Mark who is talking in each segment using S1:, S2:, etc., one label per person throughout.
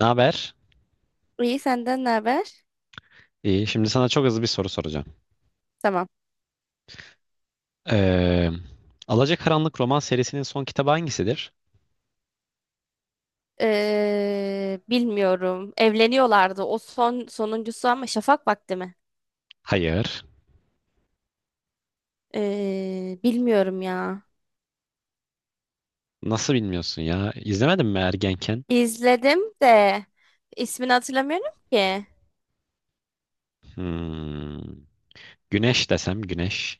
S1: Ne haber?
S2: İyi, senden ne haber?
S1: İyi. Şimdi sana çok hızlı bir soru soracağım.
S2: Tamam.
S1: Ee, Alacakaranlık roman serisinin son kitabı hangisidir?
S2: Bilmiyorum. Evleniyorlardı. O son, sonuncusu ama şafak vakti mi?
S1: Hayır.
S2: Bilmiyorum ya.
S1: Nasıl bilmiyorsun ya? İzlemedin mi ergenken?
S2: İzledim de ismini hatırlamıyorum ki.
S1: Hmm. Güneş desem güneş.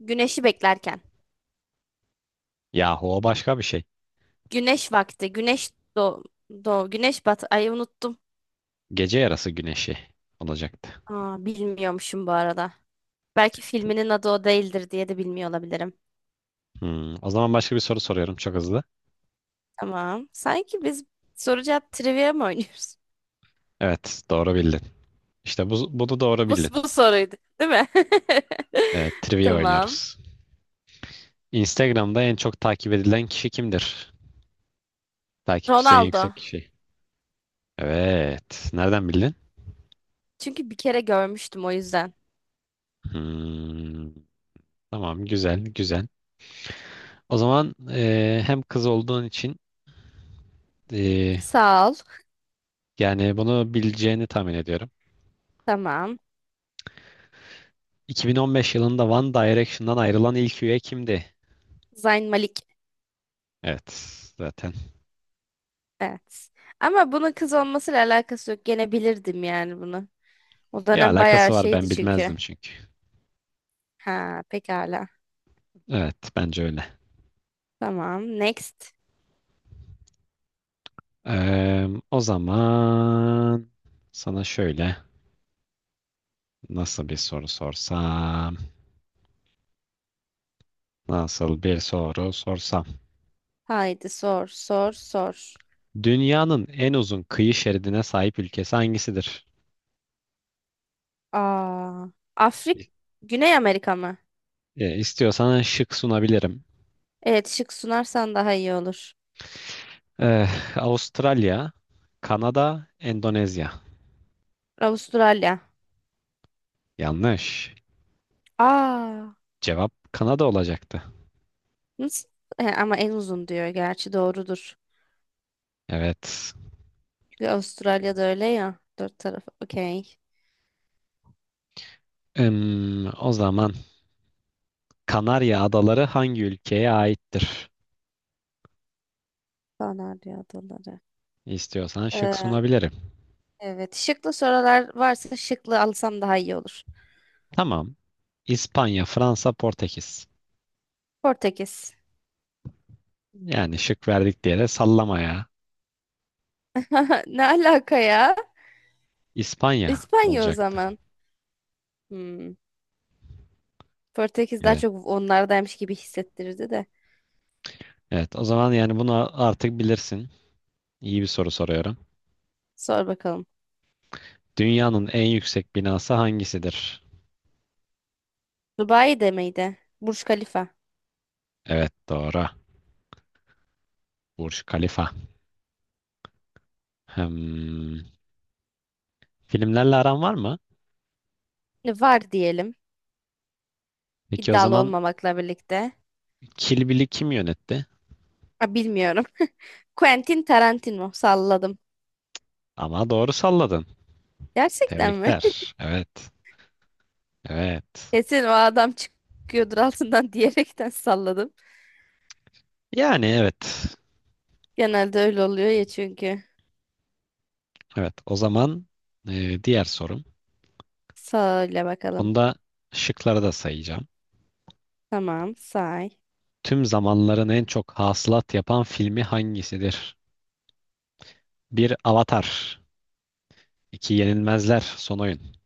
S2: Güneşi beklerken.
S1: Yahu o başka bir şey.
S2: Güneş vakti. Güneş doğ doğ güneş batı. Ay, unuttum.
S1: Gece yarısı güneşi olacaktı.
S2: Aa, bilmiyormuşum bu arada. Belki filminin adı o değildir diye de bilmiyor olabilirim.
S1: Hmm. O zaman başka bir soru soruyorum çok hızlı.
S2: Tamam. Sanki biz soru cevap trivia mı oynuyoruz?
S1: Evet, doğru bildin. İşte bu, bunu doğru
S2: Bu,
S1: bildin.
S2: bu soruydu, değil mi?
S1: Evet, trivia
S2: Tamam.
S1: oynuyoruz. Instagram'da en çok takip edilen kişi kimdir? Takipçisi en
S2: Ronaldo.
S1: yüksek kişi. Evet. Nereden bildin?
S2: Çünkü bir kere görmüştüm, o yüzden.
S1: Hmm, tamam, güzel güzel. O zaman hem kız olduğun için e,
S2: Sağ ol.
S1: yani bunu bileceğini tahmin ediyorum.
S2: Tamam.
S1: 2015 yılında One Direction'dan ayrılan ilk üye kimdi?
S2: Zayn Malik.
S1: Evet zaten.
S2: Evet. Ama bunun kız olmasıyla alakası yok. Gene bilirdim yani bunu. O
S1: Ya
S2: dönem
S1: alakası
S2: bayağı
S1: var,
S2: şeydi
S1: ben
S2: çünkü.
S1: bilmezdim çünkü.
S2: Ha, pekala.
S1: Evet bence öyle.
S2: Tamam. Next.
S1: O zaman sana şöyle, nasıl bir soru sorsam? Nasıl bir soru sorsam?
S2: Haydi sor, sor, sor.
S1: Dünyanın en uzun kıyı şeridine sahip ülkesi hangisidir?
S2: Aa, Afrik, Güney Amerika mı?
S1: İstiyorsan şık sunabilirim.
S2: Evet, şık sunarsan daha iyi olur.
S1: Avustralya, Kanada, Endonezya.
S2: Avustralya.
S1: Yanlış.
S2: Aa.
S1: Cevap Kanada olacaktı.
S2: Nasıl? E, ama en uzun diyor. Gerçi doğrudur.
S1: Evet.
S2: Çünkü Avustralya'da öyle ya. Dört tarafı. Okey.
S1: O zaman Kanarya Adaları hangi ülkeye aittir?
S2: Kanarya adaları.
S1: İstiyorsan şık
S2: Ee,
S1: sunabilirim.
S2: evet. Şıklı sorular varsa şıklı alsam daha iyi olur.
S1: Tamam. İspanya, Fransa, Portekiz.
S2: Portekiz.
S1: Yani şık verdik diye de sallamaya
S2: Ne alaka ya?
S1: İspanya
S2: İspanya o
S1: olacaktı.
S2: zaman. Hmm. Portekiz daha
S1: Evet.
S2: çok onlardaymış gibi hissettirirdi de.
S1: Evet. O zaman yani bunu artık bilirsin. İyi bir soru soruyorum.
S2: Sor bakalım.
S1: Dünyanın en yüksek binası hangisidir?
S2: Dubai de miydi? Burj Khalifa.
S1: Evet, doğru. Burj Khalifa. Hmm. Filmlerle aran var mı?
S2: Var diyelim.
S1: Peki o
S2: İddialı
S1: zaman
S2: olmamakla birlikte.
S1: Kill Bill'i kim yönetti?
S2: Ha, bilmiyorum. Quentin Tarantino. Salladım.
S1: Ama doğru salladın.
S2: Gerçekten mi?
S1: Tebrikler. Evet. Evet.
S2: Kesin o adam çıkıyordur altından diyerekten salladım.
S1: Yani evet.
S2: Genelde öyle oluyor ya çünkü.
S1: Evet. O zaman diğer sorum.
S2: Söyle bakalım.
S1: Bunda şıkları da sayacağım.
S2: Tamam, say.
S1: Tüm zamanların en çok hasılat yapan filmi hangisidir? Bir, Avatar 2. Yenilmezler Son Oyun.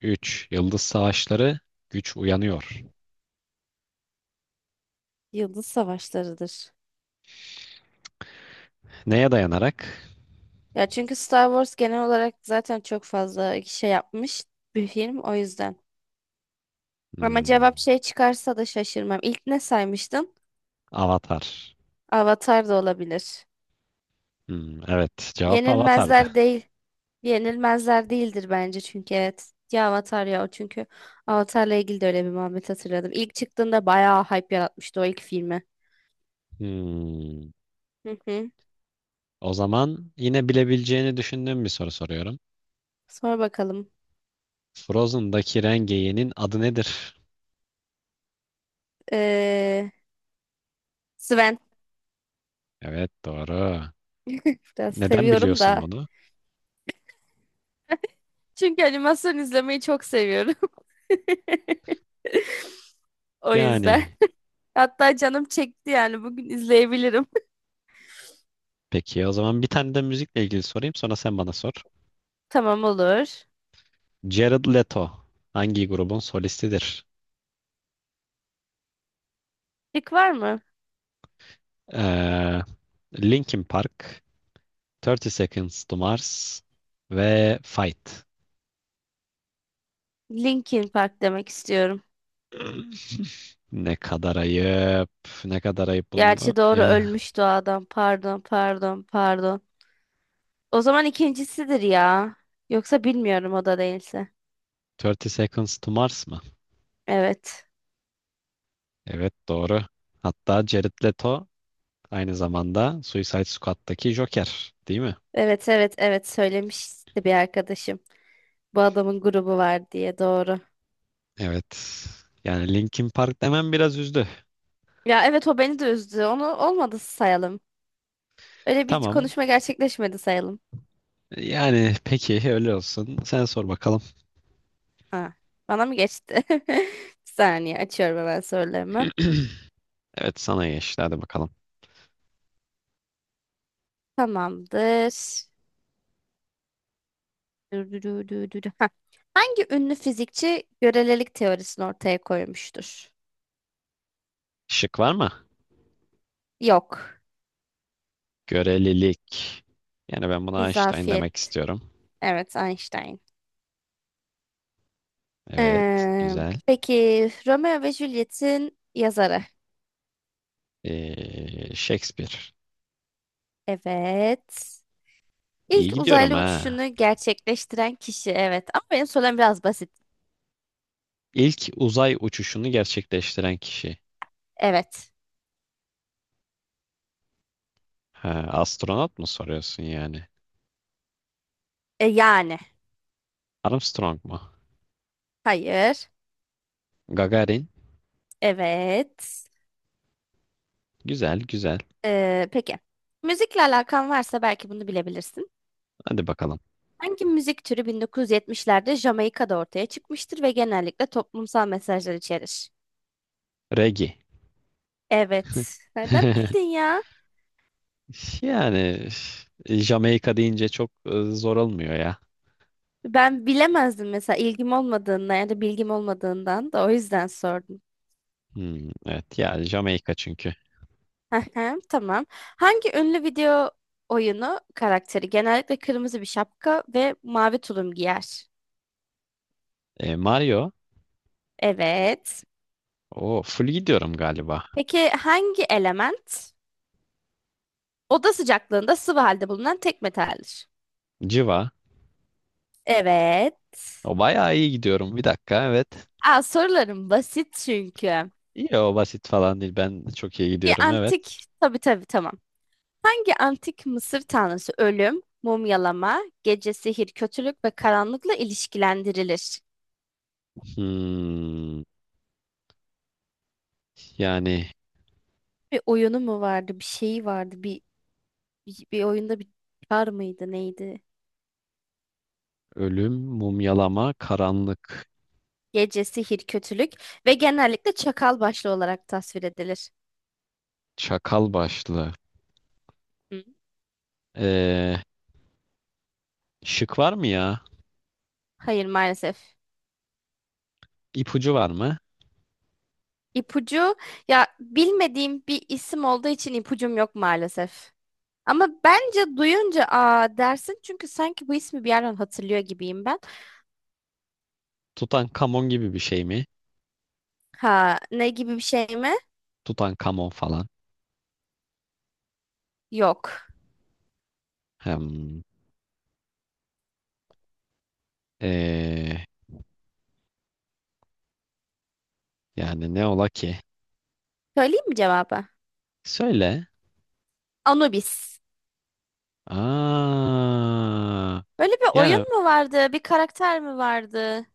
S1: Üç, Yıldız Savaşları Güç Uyanıyor.
S2: Yıldız Savaşları'dır.
S1: Neye dayanarak?
S2: Ya çünkü Star Wars genel olarak zaten çok fazla şey yapmış bir film, o yüzden. Ama cevap
S1: Hmm.
S2: şey çıkarsa da şaşırmam. İlk ne saymıştın?
S1: Avatar.
S2: Avatar da olabilir.
S1: Hmm, evet, cevap Avatar'dı.
S2: Yenilmezler değil. Yenilmezler değildir bence çünkü evet. Ya Avatar ya o çünkü Avatar'la ilgili de öyle bir muhabbet hatırladım. İlk çıktığında bayağı hype yaratmıştı o ilk filmi.
S1: Hmm.
S2: Hı hı.
S1: O zaman yine bilebileceğini düşündüğüm bir soru soruyorum.
S2: Sonra bakalım.
S1: Frozen'daki Rengeyi'nin adı nedir?
S2: Ee, Sven
S1: Evet, doğru.
S2: biraz
S1: Neden
S2: seviyorum
S1: biliyorsun
S2: da.
S1: bunu?
S2: Çünkü animasyon izlemeyi çok seviyorum. O yüzden.
S1: Yani
S2: Hatta canım çekti, yani bugün izleyebilirim.
S1: peki o zaman bir tane de müzikle ilgili sorayım, sonra sen bana sor.
S2: Tamam, olur.
S1: Jared Leto hangi grubun solistidir?
S2: Lik var mı?
S1: Ee, Linkin Park, 30 Seconds to Mars ve Fight.
S2: Linkin Park demek istiyorum.
S1: Ne kadar ayıp. Ne kadar ayıp
S2: Gerçi
S1: bunu.
S2: doğru,
S1: Yani
S2: ölmüş o adam. Pardon, pardon, pardon. O zaman ikincisidir ya. Yoksa bilmiyorum, o da değilse.
S1: 30 Seconds to Mars mı?
S2: Evet.
S1: Evet, doğru. Hatta Jared Leto aynı zamanda Suicide Squad'daki Joker, değil mi?
S2: Evet, evet, evet, söylemişti bir arkadaşım. Bu adamın grubu var diye, doğru.
S1: Evet. Yani Linkin Park demem biraz üzdü.
S2: Ya evet, o beni de üzdü. Onu olmadı sayalım. Öyle bir
S1: Tamam.
S2: konuşma gerçekleşmedi sayalım.
S1: Yani peki öyle olsun. Sen sor bakalım.
S2: Ha, bana mı geçti? Bir saniye, açıyorum hemen sorularımı.
S1: Evet, sana geçti. Hadi bakalım.
S2: Tamamdır. Dü dü dü dü dü dü. Ha. Hangi ünlü fizikçi görelilik teorisini ortaya koymuştur?
S1: Şık var mı?
S2: Yok.
S1: Görelilik. Yani ben buna Einstein demek
S2: İzafiyet.
S1: istiyorum.
S2: Evet, Einstein.
S1: Evet. Güzel.
S2: Peki, Romeo ve Juliet'in yazarı.
S1: Shakespeare.
S2: Evet.
S1: İyi
S2: İlk
S1: gidiyorum
S2: uzaylı
S1: ha.
S2: uçuşunu gerçekleştiren kişi. Evet. Ama benim sorum biraz basit.
S1: İlk uzay uçuşunu gerçekleştiren kişi.
S2: Evet.
S1: Ha, astronot mu soruyorsun yani?
S2: E, yani.
S1: Armstrong mu?
S2: Hayır.
S1: Gagarin.
S2: Evet.
S1: Güzel, güzel.
S2: Peki. Müzikle alakan varsa belki bunu bilebilirsin.
S1: Hadi bakalım.
S2: Hangi müzik türü 1970'lerde Jamaika'da ortaya çıkmıştır ve genellikle toplumsal mesajlar içerir?
S1: Regi.
S2: Evet. Nereden bildin ya?
S1: Yani Jamaika deyince çok zor olmuyor ya.
S2: Ben bilemezdim mesela, ilgim olmadığından ya da bilgim olmadığından, da o yüzden sordum.
S1: Hmm, evet ya, Jamaika çünkü.
S2: Ahem, tamam. Hangi ünlü video oyunu karakteri genellikle kırmızı bir şapka ve mavi tulum giyer?
S1: Mario.
S2: Evet.
S1: O full gidiyorum galiba.
S2: Peki hangi element oda sıcaklığında sıvı halde bulunan tek metaldir?
S1: Civa.
S2: Evet.
S1: O bayağı iyi gidiyorum. Bir dakika, evet.
S2: Aa, sorularım basit çünkü.
S1: İyi, o basit falan değil. Ben çok iyi
S2: Ki
S1: gidiyorum, evet.
S2: antik, tabii tabii, tamam. Hangi antik Mısır tanrısı ölüm, mumyalama, gece sihir, kötülük ve karanlıkla ilişkilendirilir?
S1: Hmm, yani
S2: Bir oyunu mu vardı, bir şeyi vardı, bir oyunda bir var mıydı, neydi?
S1: ölüm, mumyalama, karanlık,
S2: Gece sihir, kötülük ve genellikle çakal başlı olarak tasvir edilir.
S1: çakal başlı.
S2: Hı.
S1: Ee, şık var mı ya?
S2: Hayır, maalesef.
S1: İpucu var mı?
S2: İpucu ya, bilmediğim bir isim olduğu için ipucum yok maalesef. Ama bence duyunca aa dersin, çünkü sanki bu ismi bir yerden hatırlıyor gibiyim ben.
S1: Tutankamon gibi bir şey mi?
S2: Ha, ne gibi bir şey mi?
S1: Tutankamon falan.
S2: Yok.
S1: Hem, ee, yani ne ola ki?
S2: Söyleyeyim mi cevabı?
S1: Söyle.
S2: Anubis.
S1: Aa,
S2: Böyle bir
S1: yani
S2: oyun mu vardı? Bir karakter mi vardı?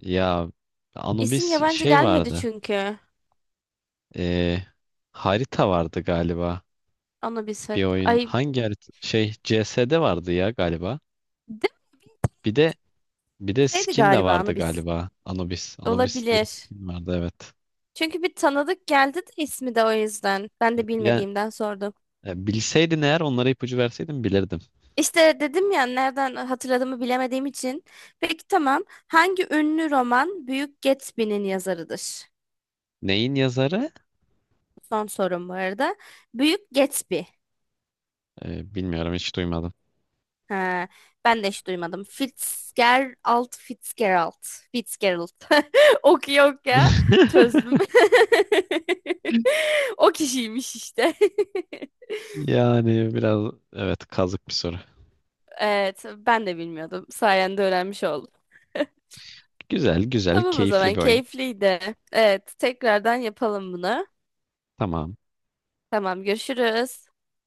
S1: ya,
S2: İsim
S1: Anubis
S2: yabancı
S1: şey
S2: gelmedi
S1: vardı.
S2: çünkü.
S1: Ee, harita vardı galiba.
S2: Anubis.
S1: Bir
S2: Harit-
S1: oyun
S2: Ay
S1: hangi harita? Şey, CS'de vardı ya galiba. Bir de
S2: demeseydi
S1: skin de
S2: galiba
S1: vardı
S2: Anubis.
S1: galiba. Anubis. Anubis diye
S2: Olabilir.
S1: skin vardı, evet.
S2: Çünkü bir tanıdık geldi de ismi, de o yüzden. Ben de
S1: Ya
S2: bilmediğimden sordum.
S1: bilseydin eğer onlara ipucu verseydin bilirdim.
S2: İşte dedim ya, nereden hatırladığımı bilemediğim için. Peki tamam. Hangi ünlü roman Büyük Gatsby'nin yazarıdır?
S1: Neyin yazarı?
S2: Son sorum bu arada. Büyük Gatsby.
S1: Bilmiyorum, hiç duymadım.
S2: He, ben de hiç duymadım. Fitzgerald, Fitzgerald, Fitzgerald. Ok yok ya. Çözdüm. O kişiymiş işte.
S1: Yani biraz, evet, kazık bir soru.
S2: Evet, ben de bilmiyordum. Sayende öğrenmiş oldum.
S1: Güzel güzel,
S2: Tamam, o
S1: keyifli
S2: zaman
S1: bir oyun.
S2: keyifliydi. Evet, tekrardan yapalım bunu.
S1: Tamam.
S2: Tamam, görüşürüz.